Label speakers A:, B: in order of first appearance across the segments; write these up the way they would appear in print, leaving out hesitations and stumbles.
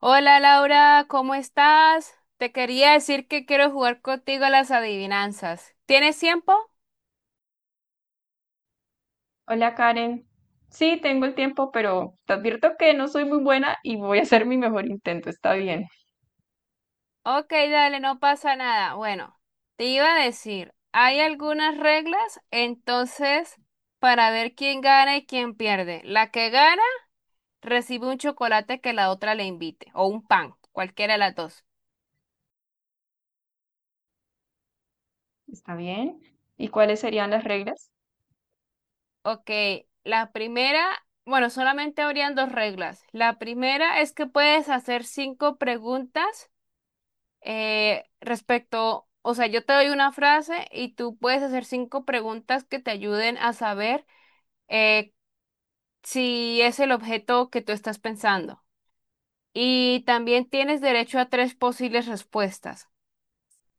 A: Hola Laura, ¿cómo estás? Te quería decir que quiero jugar contigo a las adivinanzas. ¿Tienes tiempo?
B: Hola Karen, sí tengo el tiempo, pero te advierto que no soy muy buena y voy a hacer mi mejor intento. Está bien,
A: Ok, dale, no pasa nada. Bueno, te iba a decir, hay algunas reglas, entonces, para ver quién gana y quién pierde. La que gana recibe un chocolate que la otra le invite, o un pan, cualquiera de las dos.
B: está bien. ¿Y cuáles serían las reglas?
A: Ok, la primera, bueno, solamente habrían dos reglas. La primera es que puedes hacer cinco preguntas respecto, o sea, yo te doy una frase y tú puedes hacer cinco preguntas que te ayuden a saber eh, si es el objeto que tú estás pensando. Y también tienes derecho a tres posibles respuestas.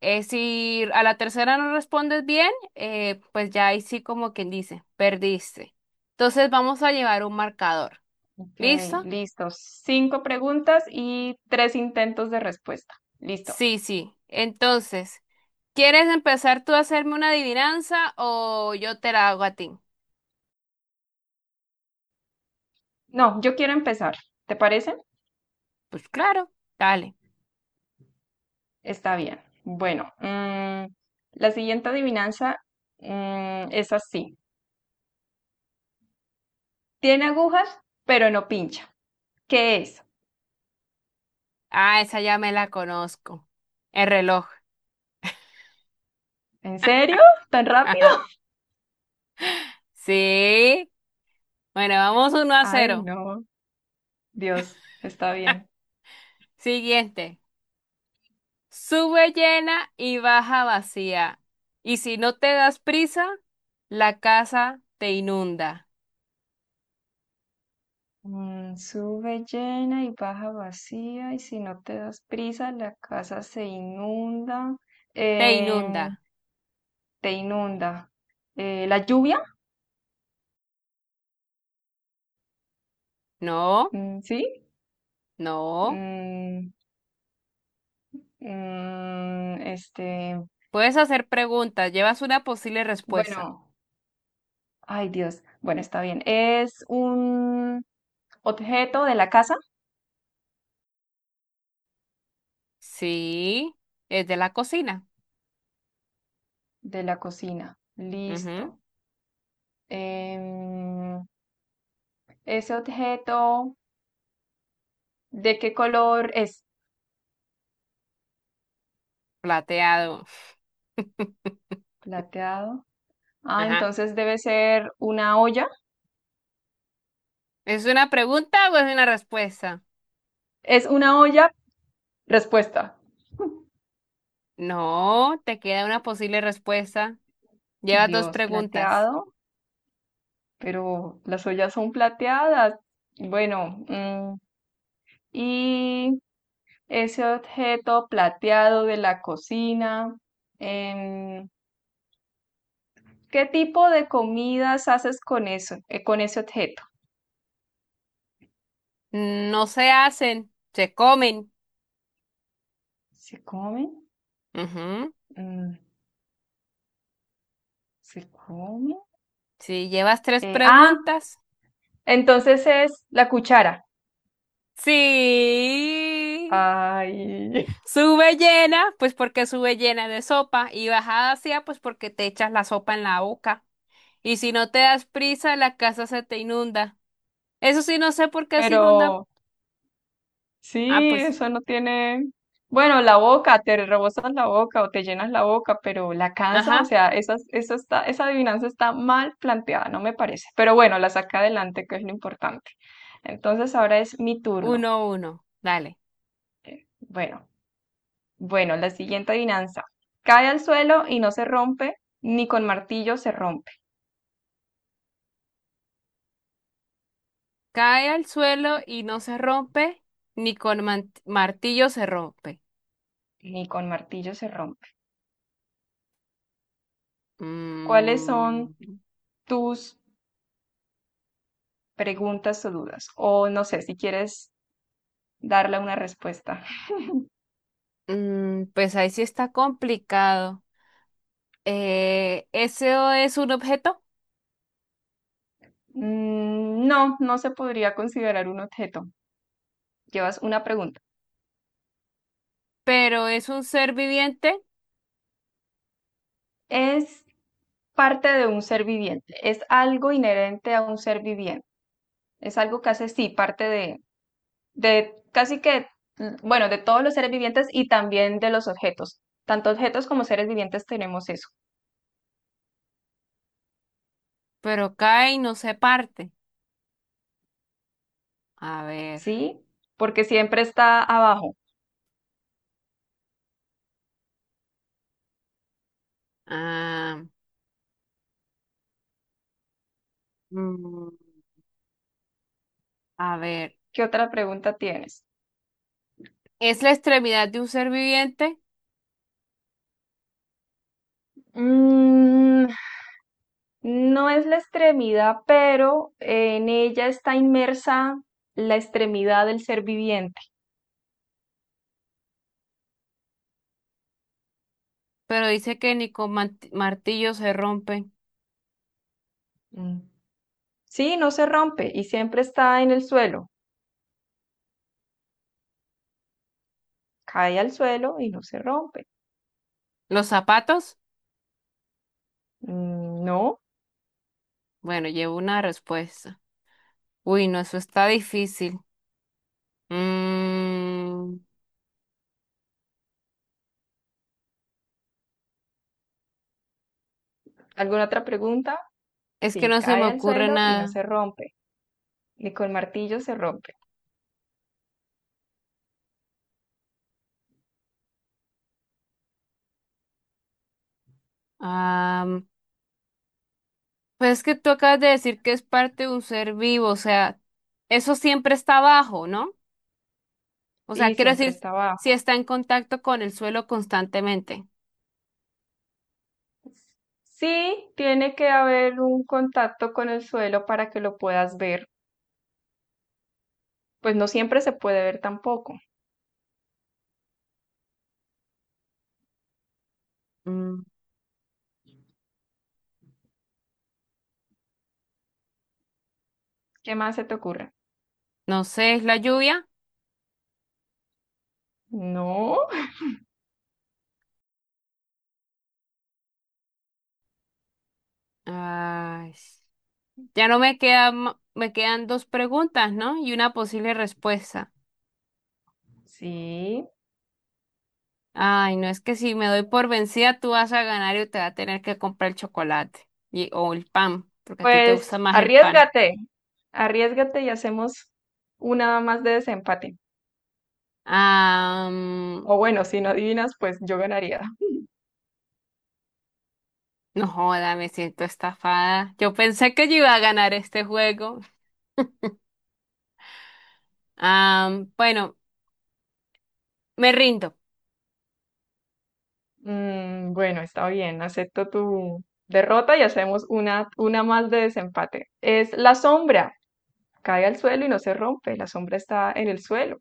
A: Si a la tercera no respondes bien, pues ya ahí sí como quien dice, perdiste. Entonces vamos a llevar un marcador.
B: Ok,
A: ¿Listo?
B: listo. Cinco preguntas y tres intentos de respuesta. Listo.
A: Sí, sí. Entonces, ¿quieres empezar tú a hacerme una adivinanza o yo te la hago a ti?
B: No, yo quiero empezar. ¿Te parece?
A: Pues claro, dale.
B: Está bien. Bueno, la siguiente adivinanza, es así. Tiene agujas, pero no pincha. ¿Qué es?
A: Ah, esa ya me la conozco. El reloj.
B: ¿En serio? ¿Tan rápido?
A: Ajá. Sí. Bueno, vamos uno a
B: Ay,
A: cero.
B: no. Dios, está bien.
A: Siguiente. Sube llena y baja vacía. Y si no te das prisa, la casa te inunda.
B: Mm, sube llena y baja vacía, y si no te das prisa, la casa se inunda,
A: Te inunda.
B: eh, te inunda. La lluvia,
A: No,
B: mm, ¿sí?
A: no.
B: Mm, mm, este,
A: Puedes hacer preguntas. Llevas una posible respuesta.
B: bueno, ay Dios, bueno, está bien. Es un objeto de la casa,
A: Sí. Es de la cocina.
B: de la cocina.
A: Ujú.
B: Listo. Em, ese objeto, ¿de qué color es?
A: Plateado.
B: Plateado. Ah,
A: Ajá.
B: entonces debe ser una olla.
A: ¿Es una pregunta o es una respuesta?
B: Es una olla, respuesta.
A: No, te queda una posible respuesta. Llevas dos
B: Dios,
A: preguntas.
B: plateado, pero las ollas son plateadas. Bueno, y ese objeto plateado de la cocina, em, ¿qué tipo de comidas haces con eso, con ese objeto?
A: No se hacen, se comen.
B: ¿Se come?
A: Ujú.
B: Mm, ¿se come?
A: Si llevas tres
B: Eh, ah,
A: preguntas.
B: entonces es la cuchara.
A: Sí.
B: Ay,
A: Sube llena, pues porque sube llena de sopa. Y bajada hacia, pues porque te echas la sopa en la boca. Y si no te das prisa, la casa se te inunda. Eso sí, no sé por qué se inunda.
B: pero...
A: Ah,
B: Sí,
A: pues.
B: eso no tiene. Bueno, la boca, te rebosas la boca o te llenas la boca, pero la casa, o
A: Ajá.
B: sea, esas, eso está, esa adivinanza está mal planteada, no me parece. Pero bueno, la saca adelante, que es lo importante. Entonces ahora es mi turno.
A: Uno, uno. Dale.
B: Bueno, bueno, la siguiente adivinanza. Cae al suelo y no se rompe, ni con martillo se rompe,
A: Cae al suelo y no se rompe, ni con martillo se rompe.
B: ni con martillo se rompe. ¿Cuáles son
A: Mm,
B: tus preguntas o dudas? O no sé, si quieres darle una respuesta.
A: pues ahí sí está complicado. Eso es un objeto,
B: Mm, no, no se podría considerar un objeto. Llevas una pregunta.
A: pero es un ser viviente,
B: Es parte de un ser viviente. Es algo inherente a un ser viviente. Es algo que hace, sí, parte de casi que, bueno, de todos los seres vivientes y también de los objetos. Tanto objetos como seres vivientes tenemos eso,
A: pero cae y no se parte. A ver.
B: ¿sí? Porque siempre está abajo.
A: ah, mm, a ver.
B: ¿Qué otra pregunta tienes?
A: Es la extremidad de un ser viviente,
B: Mm, no es la extremidad, pero en ella está inmersa la extremidad del ser viviente.
A: pero dice que ni con martillo se rompe.
B: Mm. Sí, no se rompe y siempre está en el suelo. Cae al suelo y no se rompe.
A: ¿Los zapatos?
B: Mm, no.
A: Bueno, llevo una respuesta. Uy, no, eso está difícil. Mm,
B: ¿Alguna otra pregunta?
A: es que
B: Sí,
A: no se me
B: cae al
A: ocurre
B: suelo y no
A: nada.
B: se rompe. Ni con martillo se rompe.
A: Ah, pues es que tú acabas de decir que es parte de un ser vivo, o sea, eso siempre está abajo, ¿no? O sea,
B: Y
A: quiero
B: siempre
A: decir,
B: está
A: si
B: abajo.
A: está en contacto con el suelo constantemente.
B: Sí, tiene que haber un contacto con el suelo para que lo puedas ver. Pues no siempre se puede ver tampoco.
A: Mm,
B: ¿Qué más se te ocurre?
A: no sé, ¿es la lluvia?
B: No.
A: Ay, ya no me queda, me quedan dos preguntas, ¿no? Y una posible respuesta.
B: Sí,
A: Ay, no, es que si me doy por vencida, tú vas a ganar y te va a tener que comprar el chocolate y, o el pan, porque a ti te gusta
B: pues
A: más el pan.
B: arriesgate, arriesgate y hacemos una más de desempate.
A: Ah, mm,
B: O bueno, si no adivinas, pues yo ganaría.
A: no joda, me siento estafada. Yo pensé que yo iba a ganar este juego. Bueno, me rindo.
B: Bueno, está bien, acepto tu derrota y hacemos una más de desempate. Es la sombra, cae al suelo y no se rompe, la sombra está en el suelo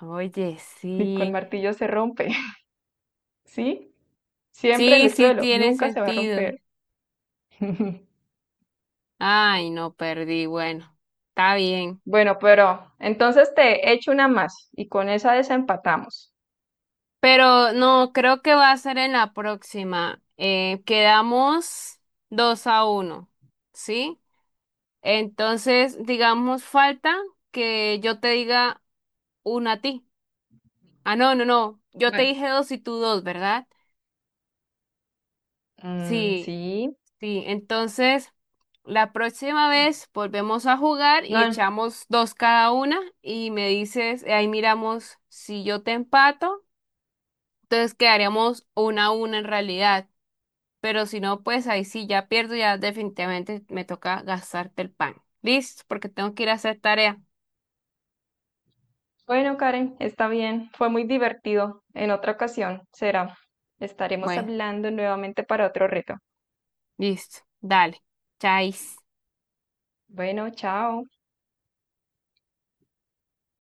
A: Oye,
B: y con
A: sí,
B: martillo se rompe, ¿sí? Siempre en
A: sí,
B: el
A: sí
B: suelo,
A: tiene
B: nunca se va a
A: sentido.
B: romper.
A: Ay, no perdí. Bueno, está bien.
B: Bueno, pero entonces te echo una más y con esa desempatamos.
A: Pero no, creo que va a ser en la próxima. Quedamos 2 a uno, ¿sí? Entonces, digamos, falta que yo te diga una a ti. Ah, no, no, no. Yo te
B: Bueno,
A: dije dos y tú dos, ¿verdad?
B: mm,
A: Sí,
B: sí.
A: sí. Entonces, la próxima vez volvemos a jugar y
B: No,
A: echamos dos cada una y me dices, ahí miramos si yo te empato. Entonces quedaríamos una a una en realidad. Pero si no, pues ahí sí ya pierdo, ya definitivamente me toca gastarte el pan. Listo, porque tengo que ir a hacer tarea.
B: bueno, Karen, está bien. Fue muy divertido. En otra ocasión será. Estaremos
A: Bueno,
B: hablando nuevamente para otro reto.
A: listo. Dale. Chais.
B: Bueno, chao.